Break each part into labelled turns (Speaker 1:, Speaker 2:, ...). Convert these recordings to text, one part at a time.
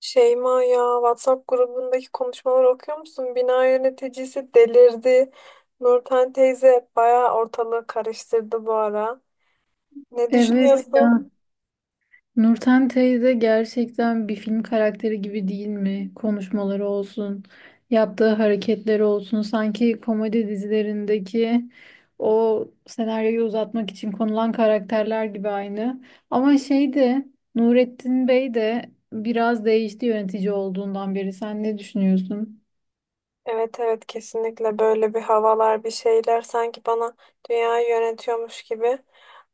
Speaker 1: Şeyma ya WhatsApp grubundaki konuşmaları okuyor musun? Bina yöneticisi delirdi. Nurten teyze bayağı ortalığı karıştırdı bu ara. Ne
Speaker 2: Evet
Speaker 1: düşünüyorsun?
Speaker 2: ya, Nurten teyze gerçekten bir film karakteri gibi değil mi? Konuşmaları olsun, yaptığı hareketleri olsun. Sanki komedi dizilerindeki o senaryoyu uzatmak için konulan karakterler gibi aynı. Ama şey de Nurettin Bey de biraz değişti yönetici olduğundan beri. Sen ne düşünüyorsun?
Speaker 1: Evet evet, kesinlikle böyle bir havalar bir şeyler sanki bana dünyayı yönetiyormuş gibi.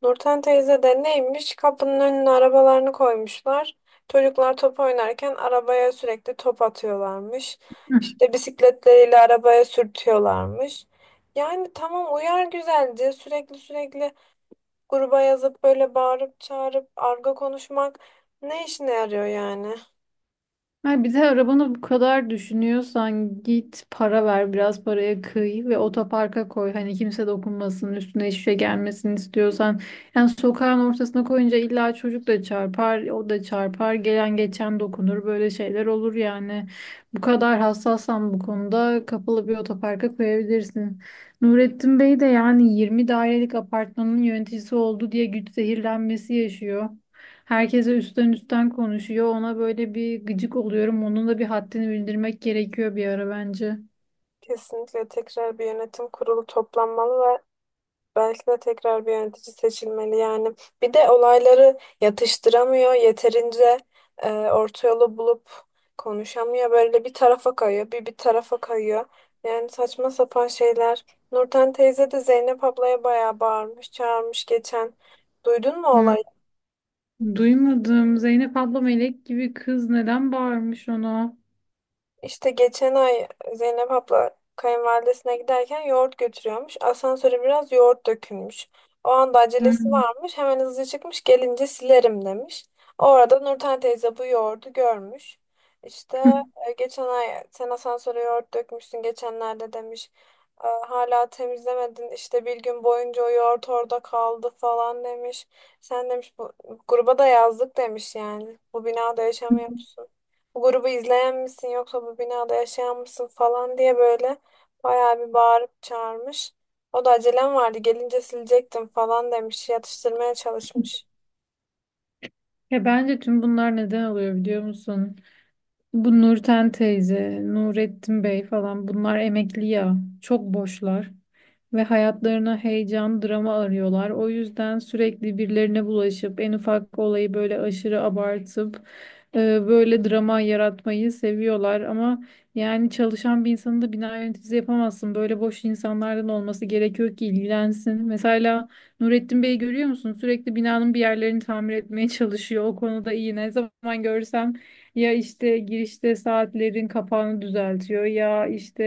Speaker 1: Nurten teyze de neymiş kapının önüne arabalarını koymuşlar. Çocuklar top oynarken arabaya sürekli top atıyorlarmış. İşte bisikletleriyle arabaya sürtüyorlarmış. Yani tamam uyar güzelce, sürekli sürekli gruba yazıp böyle bağırıp çağırıp argo konuşmak ne işine yarıyor yani?
Speaker 2: Ha, bir de arabanı bu kadar düşünüyorsan git para ver, biraz paraya kıy ve otoparka koy. Hani kimse dokunmasın, üstüne hiçbir şey gelmesin istiyorsan. Yani sokağın ortasına koyunca illa çocuk da çarpar, o da çarpar, gelen geçen dokunur, böyle şeyler olur yani. Bu kadar hassassan bu konuda kapalı bir otoparka koyabilirsin. Nurettin Bey de yani 20 dairelik apartmanın yöneticisi oldu diye güç zehirlenmesi yaşıyor. Herkese üstten üstten konuşuyor. Ona böyle bir gıcık oluyorum. Onun da bir haddini bildirmek gerekiyor bir ara bence.
Speaker 1: Kesinlikle tekrar bir yönetim kurulu toplanmalı. Belki de tekrar bir yönetici seçilmeli yani. Bir de olayları yatıştıramıyor, yeterince orta yolu bulup konuşamıyor. Böyle bir tarafa kayıyor, bir tarafa kayıyor. Yani saçma sapan şeyler. Nurten teyze de Zeynep ablaya bayağı bağırmış, çağırmış geçen. Duydun mu
Speaker 2: Hmm.
Speaker 1: olayı?
Speaker 2: Duymadım. Zeynep abla melek gibi kız, neden bağırmış ona?
Speaker 1: İşte geçen ay Zeynep abla kayınvalidesine giderken yoğurt götürüyormuş. Asansöre biraz yoğurt dökülmüş. O anda acelesi
Speaker 2: Hmm.
Speaker 1: varmış. Hemen hızlı çıkmış. Gelince silerim demiş. O arada Nurten teyze bu yoğurdu görmüş. İşte geçen ay sen asansöre yoğurt dökmüşsün geçenlerde demiş. "E, hala temizlemedin işte bir gün boyunca o yoğurt orada kaldı falan demiş. Sen demiş bu gruba da yazdık demiş yani. Bu binada yaşamıyorsun, bu grubu izleyen misin yoksa bu binada yaşayan mısın falan diye böyle bayağı bir bağırıp çağırmış. O da acelem vardı gelince silecektim falan demiş, yatıştırmaya çalışmış.
Speaker 2: Ya bence tüm bunlar neden oluyor biliyor musun? Bu Nurten teyze, Nurettin Bey falan bunlar emekli ya. Çok boşlar Ve hayatlarına heyecan, drama arıyorlar. O yüzden sürekli birilerine bulaşıp en ufak olayı böyle aşırı abartıp böyle drama yaratmayı seviyorlar. Ama yani çalışan bir insanı da bina yöneticisi yapamazsın. Böyle boş insanlardan olması gerekiyor ki ilgilensin. Mesela Nurettin Bey'i görüyor musun? Sürekli binanın bir yerlerini tamir etmeye çalışıyor. O konuda iyi. Ne zaman görsem ya işte girişte saatlerin kapağını düzeltiyor, ya işte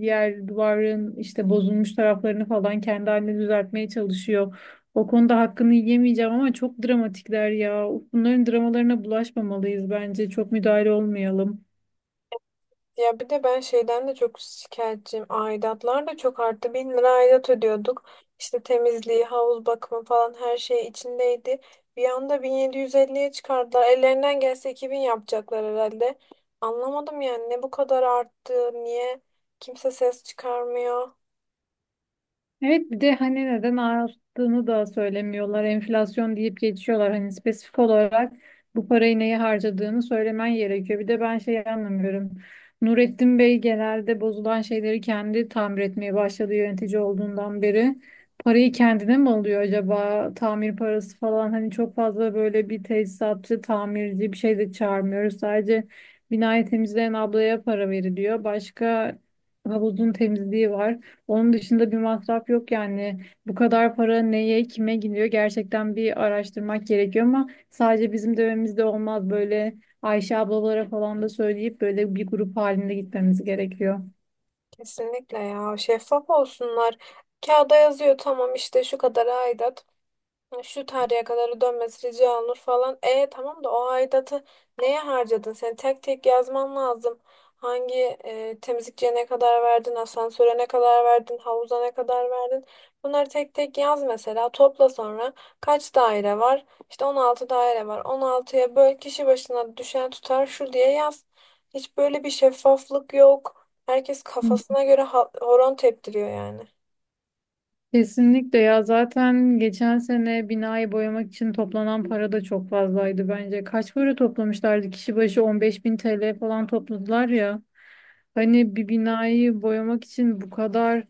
Speaker 2: yer duvarın işte bozulmuş taraflarını falan kendi haline düzeltmeye çalışıyor. O konuda hakkını yemeyeceğim ama çok dramatikler ya. Bunların dramalarına bulaşmamalıyız bence. Çok müdahale olmayalım.
Speaker 1: Ya bir de ben şeyden de çok şikayetçiyim. Aidatlar da çok arttı. 1.000 lira aidat ödüyorduk. İşte temizliği, havuz bakımı falan her şey içindeydi. Bir anda 1.750'ye çıkardılar. Ellerinden gelse 2.000 yapacaklar herhalde. Anlamadım yani, ne bu kadar arttı, niye kimse ses çıkarmıyor.
Speaker 2: Evet, bir de hani neden arttığını da söylemiyorlar. Enflasyon deyip geçiyorlar. Hani spesifik olarak bu parayı neye harcadığını söylemen gerekiyor. Bir de ben şey anlamıyorum. Nurettin Bey genelde bozulan şeyleri kendi tamir etmeye başladı yönetici olduğundan beri. Parayı kendine mi alıyor acaba? Tamir parası falan, hani çok fazla böyle bir tesisatçı, tamirci bir şey de çağırmıyoruz. Sadece binayı temizleyen ablaya para veriliyor. Başka havuzun temizliği var. Onun dışında bir masraf yok yani. Bu kadar para neye, kime gidiyor gerçekten bir araştırmak gerekiyor ama sadece bizim dönemimizde olmaz. Böyle Ayşe ablalara falan da söyleyip böyle bir grup halinde gitmemiz gerekiyor.
Speaker 1: Kesinlikle ya, şeffaf olsunlar. Kağıda yazıyor tamam, işte şu kadar aidat, şu tarihe kadar ödenmesi rica olunur falan. E tamam da o aidatı neye harcadın? Sen tek tek yazman lazım. Hangi temizlikçiye ne kadar verdin, asansöre ne kadar verdin, havuza ne kadar verdin? Bunları tek tek yaz mesela, topla sonra kaç daire var? İşte 16 daire var. 16'ya böl, kişi başına düşen tutar şu diye yaz. Hiç böyle bir şeffaflık yok. Herkes
Speaker 2: Hı.
Speaker 1: kafasına göre horon teptiriyor yani.
Speaker 2: Kesinlikle ya, zaten geçen sene binayı boyamak için toplanan para da çok fazlaydı bence. Kaç para toplamışlardı? Kişi başı 15 bin TL falan topladılar ya. Hani bir binayı boyamak için bu kadar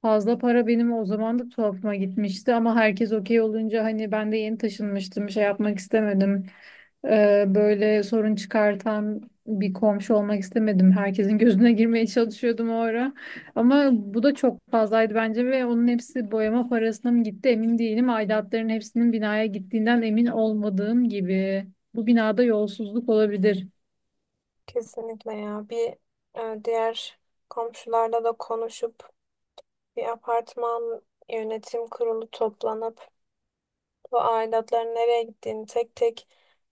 Speaker 2: fazla para benim o zaman da tuhafıma gitmişti ama herkes okey olunca hani ben de yeni taşınmıştım, şey yapmak istemedim. Böyle sorun çıkartan bir komşu olmak istemedim. Herkesin gözüne girmeye çalışıyordum o ara. Ama bu da çok fazlaydı bence ve onun hepsi boyama parasına mı gitti emin değilim. Aidatların hepsinin binaya gittiğinden emin olmadığım gibi. Bu binada yolsuzluk olabilir.
Speaker 1: Kesinlikle ya. Bir diğer komşularla da konuşup bir apartman yönetim kurulu toplanıp bu aidatların nereye gittiğini tek tek,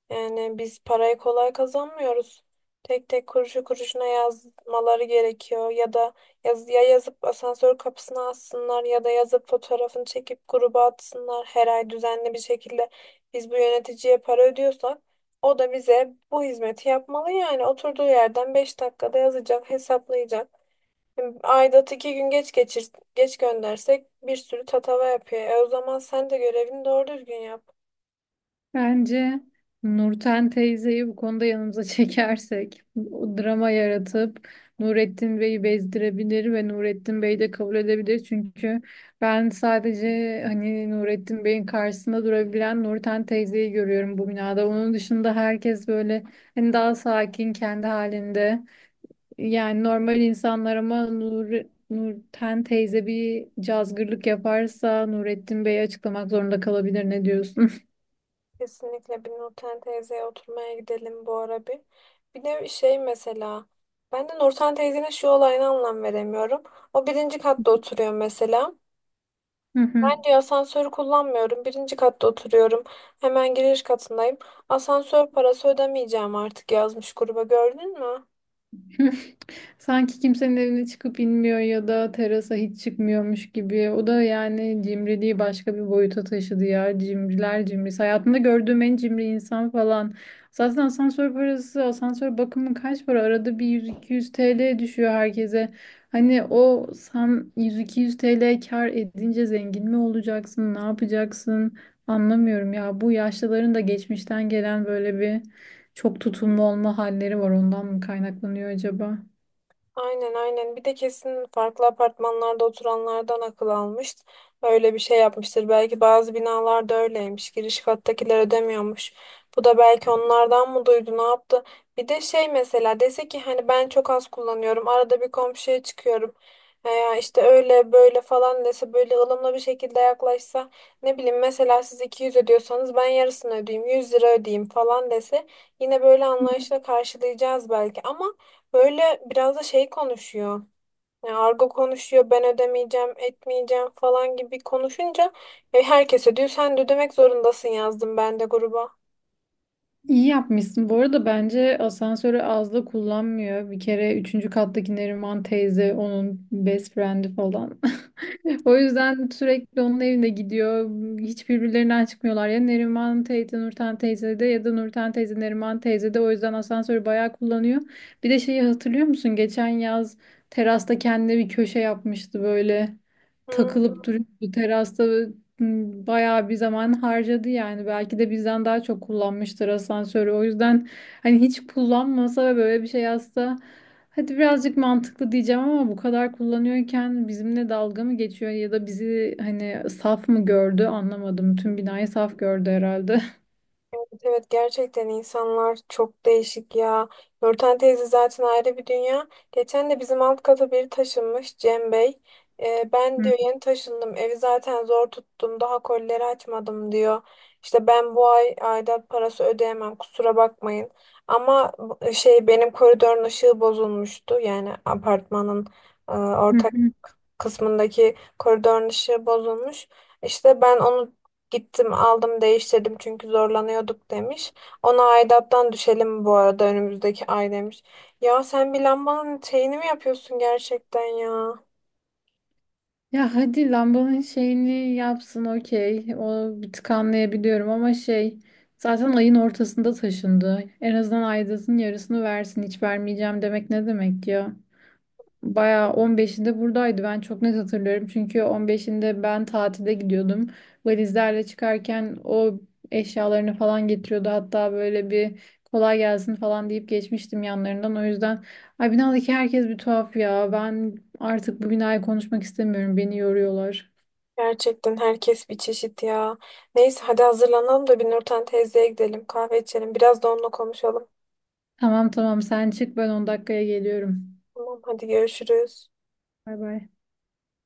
Speaker 1: yani biz parayı kolay kazanmıyoruz. Tek tek kuruşu kuruşuna yazmaları gerekiyor. Ya da yaz, ya yazıp asansör kapısına assınlar ya da yazıp fotoğrafını çekip gruba atsınlar her ay düzenli bir şekilde. Biz bu yöneticiye para ödüyorsak o da bize bu hizmeti yapmalı yani. Oturduğu yerden 5 dakikada yazacak, hesaplayacak. Aidat 2 gün geç geçir, geç göndersek bir sürü tatava yapıyor. E o zaman sen de görevini doğru düzgün yap.
Speaker 2: Bence Nurten teyzeyi bu konuda yanımıza çekersek, o drama yaratıp Nurettin Bey'i bezdirebilir ve Nurettin Bey de kabul edebilir. Çünkü ben sadece hani Nurettin Bey'in karşısında durabilen Nurten teyzeyi görüyorum bu binada. Onun dışında herkes böyle hani daha sakin kendi halinde. Yani normal insanlar ama Nurten teyze bir cazgırlık yaparsa Nurettin Bey'i açıklamak zorunda kalabilir. Ne diyorsun?
Speaker 1: Kesinlikle bir Nurten teyzeye oturmaya gidelim bu ara bir. Bir de şey mesela, ben de Nurten teyzenin şu olayına anlam veremiyorum. O birinci katta oturuyor mesela.
Speaker 2: Hı
Speaker 1: Ben
Speaker 2: hı.
Speaker 1: diyor asansörü kullanmıyorum. Birinci katta oturuyorum. Hemen giriş katındayım. Asansör parası ödemeyeceğim artık yazmış gruba, gördün mü?
Speaker 2: Sanki kimsenin evine çıkıp inmiyor ya da terasa hiç çıkmıyormuş gibi. O da yani cimriliği başka bir boyuta taşıdı ya. Cimriler cimrisi. Hayatımda gördüğüm en cimri insan falan. Zaten asansör parası, asansör bakımı kaç para? Arada bir 100-200 TL düşüyor herkese. Hani o sen 100-200 TL kar edince zengin mi olacaksın? Ne yapacaksın? Anlamıyorum ya. Bu yaşlıların da geçmişten gelen böyle bir çok tutumlu olma halleri var, ondan mı kaynaklanıyor acaba?
Speaker 1: Aynen aynen. Bir de kesin farklı apartmanlarda oturanlardan akıl almış. Öyle bir şey yapmıştır. Belki bazı binalarda öyleymiş. Giriş kattakiler ödemiyormuş. Bu da belki onlardan mı duydu, ne yaptı? Bir de şey mesela dese ki hani ben çok az kullanıyorum. Arada bir komşuya çıkıyorum. Veya işte öyle böyle falan dese, böyle ılımlı bir şekilde yaklaşsa, ne bileyim mesela siz 200 ödüyorsanız ben yarısını ödeyeyim, 100 lira ödeyeyim falan dese yine böyle anlayışla karşılayacağız belki, ama böyle biraz da şey konuşuyor. Yani argo konuşuyor, ben ödemeyeceğim, etmeyeceğim falan gibi konuşunca herkese diyor sen de ödemek zorundasın, yazdım ben de gruba.
Speaker 2: İyi yapmışsın. Bu arada bence asansörü az da kullanmıyor. Bir kere üçüncü kattaki Neriman teyze onun best friend'i falan. O yüzden sürekli onun evine gidiyor. Hiç birbirlerinden çıkmıyorlar. Ya Neriman teyze Nurten teyze de, ya da Nurten teyze Neriman teyze de. O yüzden asansörü bayağı kullanıyor. Bir de şeyi hatırlıyor musun? Geçen yaz terasta kendine bir köşe yapmıştı böyle.
Speaker 1: Hmm.
Speaker 2: Takılıp duruyordu terasta. Bayağı bir zaman harcadı yani, belki de bizden daha çok kullanmıştır asansörü. O yüzden hani hiç kullanmasa ve böyle bir şey yazsa hadi birazcık mantıklı diyeceğim ama bu kadar kullanıyorken bizimle dalga mı geçiyor ya da bizi hani saf mı gördü, anlamadım, tüm binayı saf gördü herhalde.
Speaker 1: Evet evet, gerçekten insanlar çok değişik ya. Nurten teyze zaten ayrı bir dünya. Geçen de bizim alt kata biri taşınmış, Cem Bey. Ben diyor yeni taşındım, evi zaten zor tuttum, daha kolileri açmadım diyor. İşte ben bu ay aidat parası ödeyemem, kusura bakmayın. Ama benim koridorun ışığı bozulmuştu, yani apartmanın ortak kısmındaki koridorun ışığı bozulmuş. İşte ben onu gittim aldım değiştirdim çünkü zorlanıyorduk demiş. Ona aidattan düşelim bu arada önümüzdeki ay demiş. Ya sen bir lambanın şeyini mi yapıyorsun gerçekten ya?
Speaker 2: Ya hadi lambanın şeyini yapsın, okey. O bir tık anlayabiliyorum ama şey, zaten ayın ortasında taşındı. En azından aidatın yarısını versin. Hiç vermeyeceğim demek ne demek ya? Bayağı 15'inde buradaydı. Ben çok net hatırlıyorum. Çünkü 15'inde ben tatile gidiyordum. Valizlerle çıkarken o eşyalarını falan getiriyordu. Hatta böyle bir kolay gelsin falan deyip geçmiştim yanlarından. O yüzden ay, binadaki herkes bir tuhaf ya. Ben artık bu binayı konuşmak istemiyorum. Beni yoruyorlar.
Speaker 1: Gerçekten herkes bir çeşit ya. Neyse hadi hazırlanalım da bir Nurten teyzeye gidelim, kahve içelim, biraz da onunla konuşalım.
Speaker 2: Tamam tamam, sen çık, ben 10 dakikaya geliyorum.
Speaker 1: Tamam hadi, görüşürüz.
Speaker 2: Bay bay.